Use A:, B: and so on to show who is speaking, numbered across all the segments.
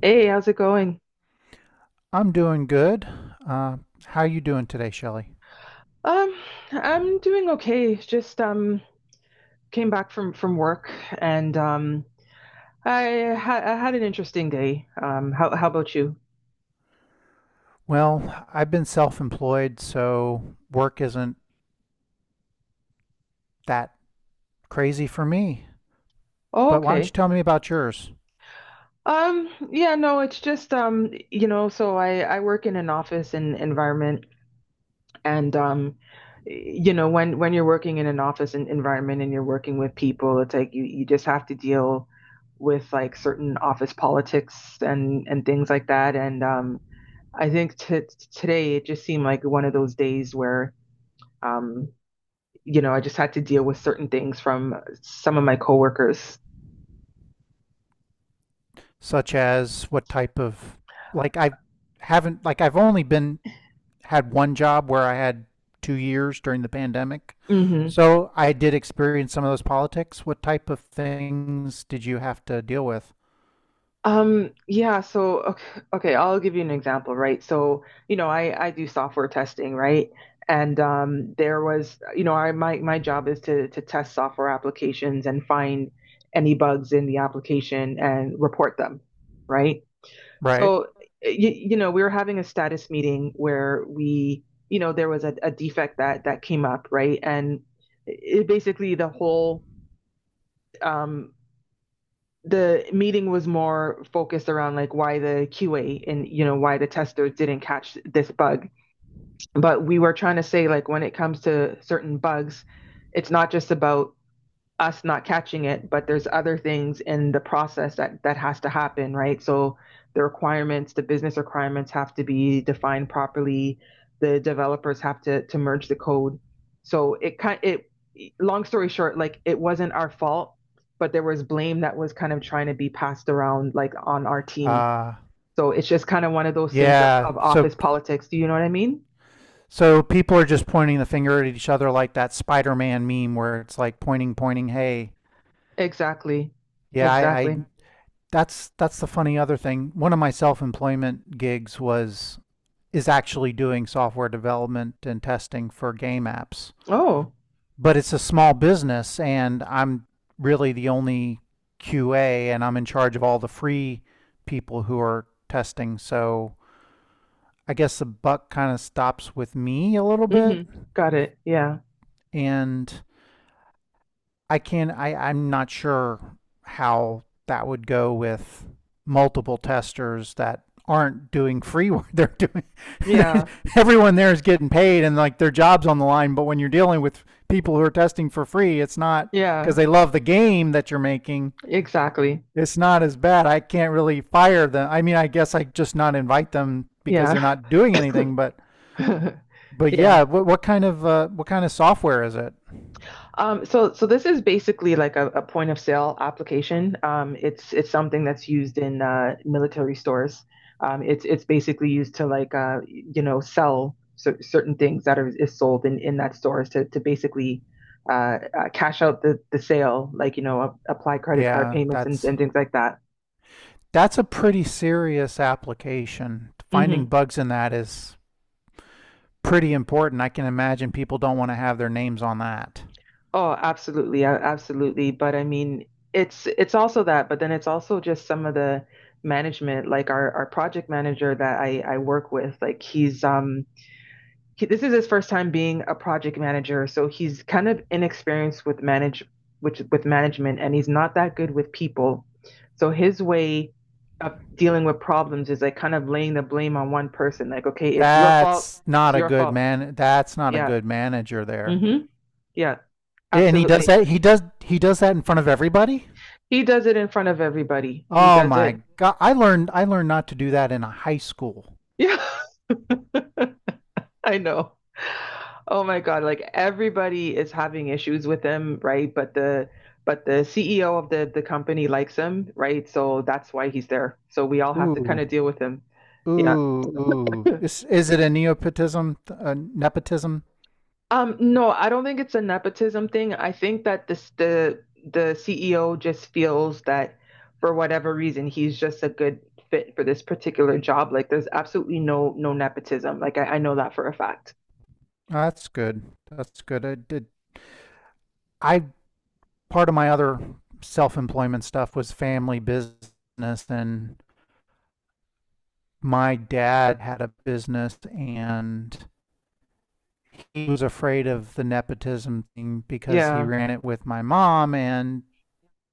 A: Hey, how's it going?
B: I'm doing good. Uh, how you doing today, Shelley?
A: Um, I'm doing okay. Just came back from work and I had an interesting day. How about you?
B: Well, I've been self-employed, so work isn't that crazy for me.
A: Oh,
B: But why don't you
A: okay.
B: tell me about yours?
A: Yeah, no, it's just so I work in an office and environment and you know, when you're working in an office and environment and you're working with people, it's like you just have to deal with like certain office politics and things like that and I think today it just seemed like one of those days where, um, you know, I just had to deal with certain things from some of my coworkers.
B: Such as what type of like I haven't like I've only been had one job where I had 2 years during the pandemic.
A: Mm-hmm.
B: So I did experience some of those politics. What type of things did you have to deal with?
A: Yeah, so okay, I'll give you an example, right? So, you know, I do software testing, right? And there was, you know, I my job is to test software applications and find any bugs in the application and report them, right?
B: Right.
A: So, you know, we were having a status meeting where we, you know, there was a defect that came up, right? And it basically the whole um, the meeting was more focused around like why the QA and you know why the testers didn't catch this bug. But we were trying to say like when it comes to certain bugs, it's not just about us not catching it, but there's other things in the process that has to happen, right? So the requirements, the business requirements have to be defined properly. The developers have to merge the code. So it kind it long story short, like it wasn't our fault, but there was blame that was kind of trying to be passed around like on our team.
B: Uh
A: So it's just kind of one of those things
B: yeah.
A: of office politics. Do you know what I mean?
B: So people are just pointing the finger at each other like that Spider-Man meme where it's like pointing, pointing. Hey,
A: Exactly.
B: yeah, I,
A: Exactly.
B: that's the funny other thing. One of my self-employment gigs was is actually doing software development and testing for game apps,
A: Oh,
B: but it's a small business, and I'm really the only QA, and I'm in charge of all the free people who are testing. So I guess the buck kind of stops with me a little bit,
A: hmm. Got it. Yeah.
B: and I can I I'm not sure how that would go with multiple testers that aren't doing free work. They're doing
A: Yeah.
B: everyone there is getting paid and like their jobs on the line. But when you're dealing with people who are testing for free, it's not because
A: Yeah.
B: they love the game that you're making.
A: Exactly.
B: It's not as bad. I can't really fire them. I mean, I guess I just not invite them because they're
A: Yeah.
B: not doing anything. But but
A: Yeah.
B: yeah, what kind of what kind of software is it?
A: So so this is basically like a point of sale application. It's something that's used in military stores. It's basically used to like you know sell certain things that are is sold in that stores to basically cash out the sale, like you know apply credit card
B: Yeah,
A: payments and things like that.
B: that's a pretty serious application. Finding bugs in that is pretty important. I can imagine people don't want to have their names on that.
A: Oh, absolutely, absolutely. But I mean, it's also that, but then it's also just some of the management, like our project manager that I work with, like he's this is his first time being a project manager, so he's kind of inexperienced with manage which with management, and he's not that good with people. So his way of dealing with problems is like kind of laying the blame on one person, like, okay, it's your fault,
B: That's not
A: it's
B: a
A: your
B: good
A: fault.
B: man. That's not a
A: Yeah.
B: good manager there.
A: Mm-hmm. Yeah,
B: Yeah, and he does
A: absolutely.
B: that. He does. He does that in front of everybody.
A: He does it in front of everybody. He
B: Oh
A: does
B: my
A: it.
B: god! I learned. I learned not to do that in a high school.
A: Yeah, I know. Oh my God, like everybody is having issues with him, right? But the CEO of the company likes him, right? So that's why he's there. So we all have to kind
B: Ooh,
A: of deal with him.
B: ooh,
A: Yeah.
B: ooh. Is it a nepotism? A nepotism?
A: No, I don't think it's a nepotism thing. I think that this the CEO just feels that for whatever reason he's just a good fit for this particular job. Like there's absolutely no nepotism. Like I know that for a fact.
B: That's good. That's good. I did. I part of my other self-employment stuff was family business and my dad had a business and he was afraid of the nepotism thing because he
A: Yeah.
B: ran it with my mom and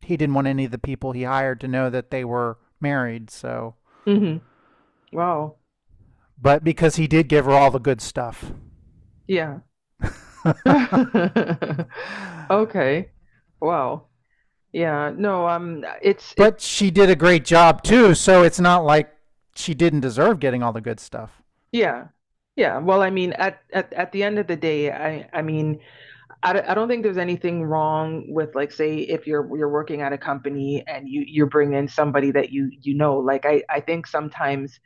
B: he didn't want any of the people he hired to know that they were married, so
A: Hmm. Wow.
B: but because he did give her all the good stuff,
A: Yeah. Okay. Wow. Yeah. No, it's it
B: but she did a great job too, so it's not like she didn't deserve getting all the good stuff.
A: yeah. Yeah. Well, I mean at the end of the day, I don't think there's anything wrong with like say if you're working at a company and you bring in somebody that you know like I think sometimes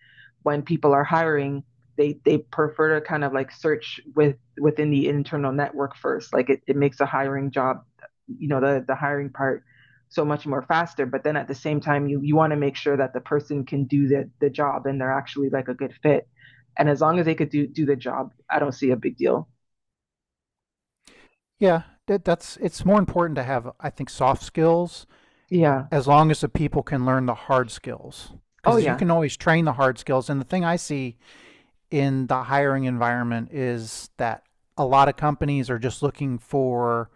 A: when people are hiring they prefer to kind of like search within the internal network first like it makes a hiring job you know the hiring part so much more faster but then at the same time you want to make sure that the person can do the job and they're actually like a good fit and as long as they could do the job I don't see a big deal.
B: Yeah, that, that's it's more important to have, I think, soft skills,
A: Yeah.
B: as long as the people can learn the hard skills,
A: Oh
B: because you
A: yeah.
B: can always train the hard skills. And the thing I see in the hiring environment is that a lot of companies are just looking for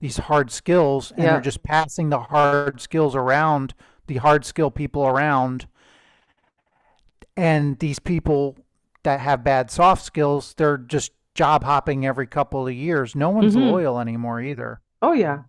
B: these hard skills, and they're
A: Yeah.
B: just passing the hard skills around, the hard skill people around, and these people that have bad soft skills, they're just job hopping every couple of years. No one's
A: Hmm.
B: loyal anymore either.
A: Oh yeah.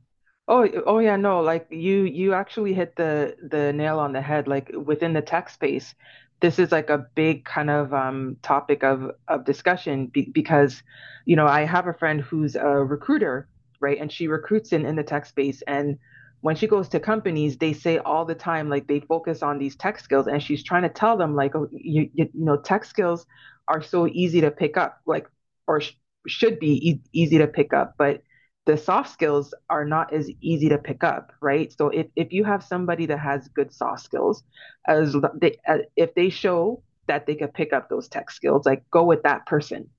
A: Oh yeah, no, like you actually hit the nail on the head. Like within the tech space, this is like a big kind of topic of discussion be because, you know, I have a friend who's a recruiter, right? And she recruits in the tech space and when she goes to companies, they say all the time like they focus on these tech skills and she's trying to tell them like oh, you you know, tech skills are so easy to pick up, like or sh should be e easy to pick up, but the soft skills are not as easy to pick up, right? So if you have somebody that has good soft skills, if they show that they could pick up those tech skills, like go with that person,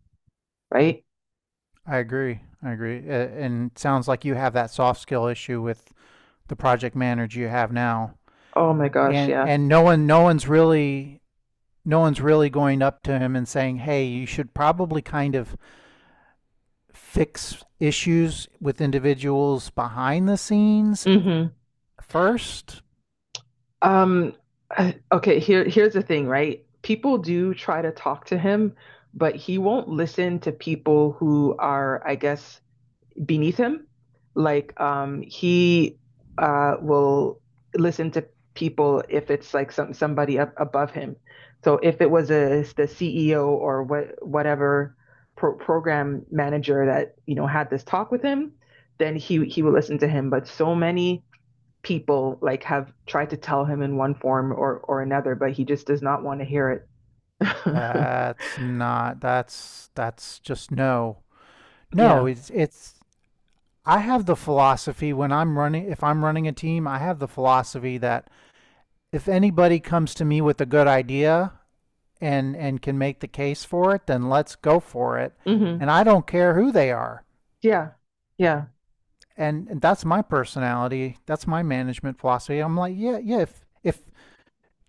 A: right?
B: I agree. And it sounds like you have that soft skill issue with the project manager you have now,
A: Oh my gosh,
B: and
A: yeah.
B: no one's really going up to him and saying, "Hey, you should probably kind of fix issues with individuals behind the scenes
A: Mm-hmm.
B: first."
A: Um, okay, here's the thing, right? People do try to talk to him, but he won't listen to people who are, I guess, beneath him. Like he will listen to people if it's like somebody up above him. So if it was a the CEO or whatever program manager that you know had this talk with him, then he will listen to him. But so many people like have tried to tell him in one form or another, but he just does not want to hear it.
B: That's that's just no. No,
A: Yeah.
B: it's I have the philosophy when I'm running, if I'm running a team, I have the philosophy that if anybody comes to me with a good idea, and can make the case for it, then let's go for it.
A: Hmm.
B: And I don't care who they are.
A: Yeah. Yeah.
B: And that's my personality. That's my management philosophy. I'm like, yeah, yeah. If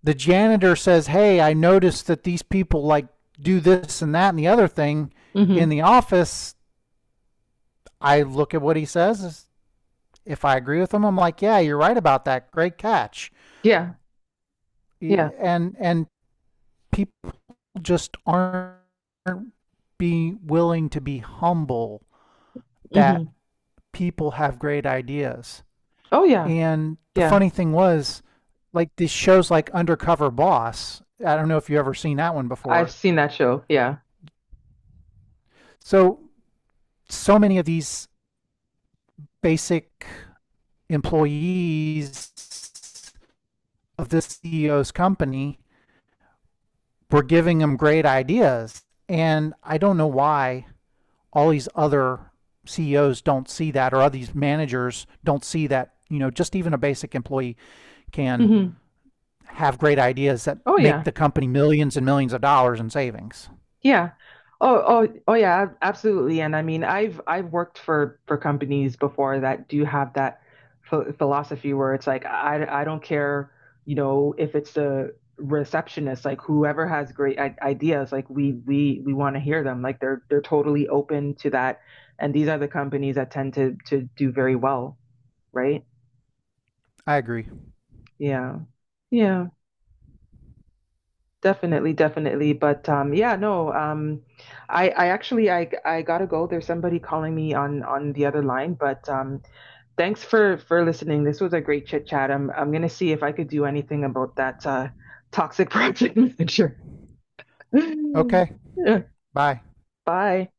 B: the janitor says, "Hey, I noticed that these people like do this and that and the other thing in
A: Hmm.
B: the office," I look at what he says. If I agree with him, I'm like, "Yeah, you're right about that. Great catch."
A: Yeah. Yeah.
B: And people just aren't be willing to be humble, that
A: Hmm.
B: people have great ideas.
A: Oh yeah.
B: And the
A: Yeah,
B: funny thing was, like these shows like Undercover Boss, I don't know if you've ever seen that one
A: I've
B: before.
A: seen that show. Yeah.
B: So, so many of these basic employees of this CEO's company were giving them great ideas. And I don't know why all these other CEOs don't see that, or all these managers don't see that, you know, just even a basic employee can
A: Hmm.
B: have great ideas that
A: Oh
B: make
A: yeah.
B: the company millions and millions of dollars in savings.
A: Yeah. Oh yeah, absolutely. And I mean, I've worked for companies before that do have that ph philosophy where it's like I don't care, you know, if it's the receptionist, like whoever has great I ideas, like we want to hear them. Like they're totally open to that. And these are the companies that tend to do very well, right?
B: I agree.
A: Yeah. Yeah. Definitely, definitely. But yeah, no, I actually I gotta go. There's somebody calling me on the other line, but thanks for listening. This was a great chit chat. I'm gonna see if I could do anything about that toxic project manager.
B: Okay.
A: Yeah,
B: Bye.
A: bye.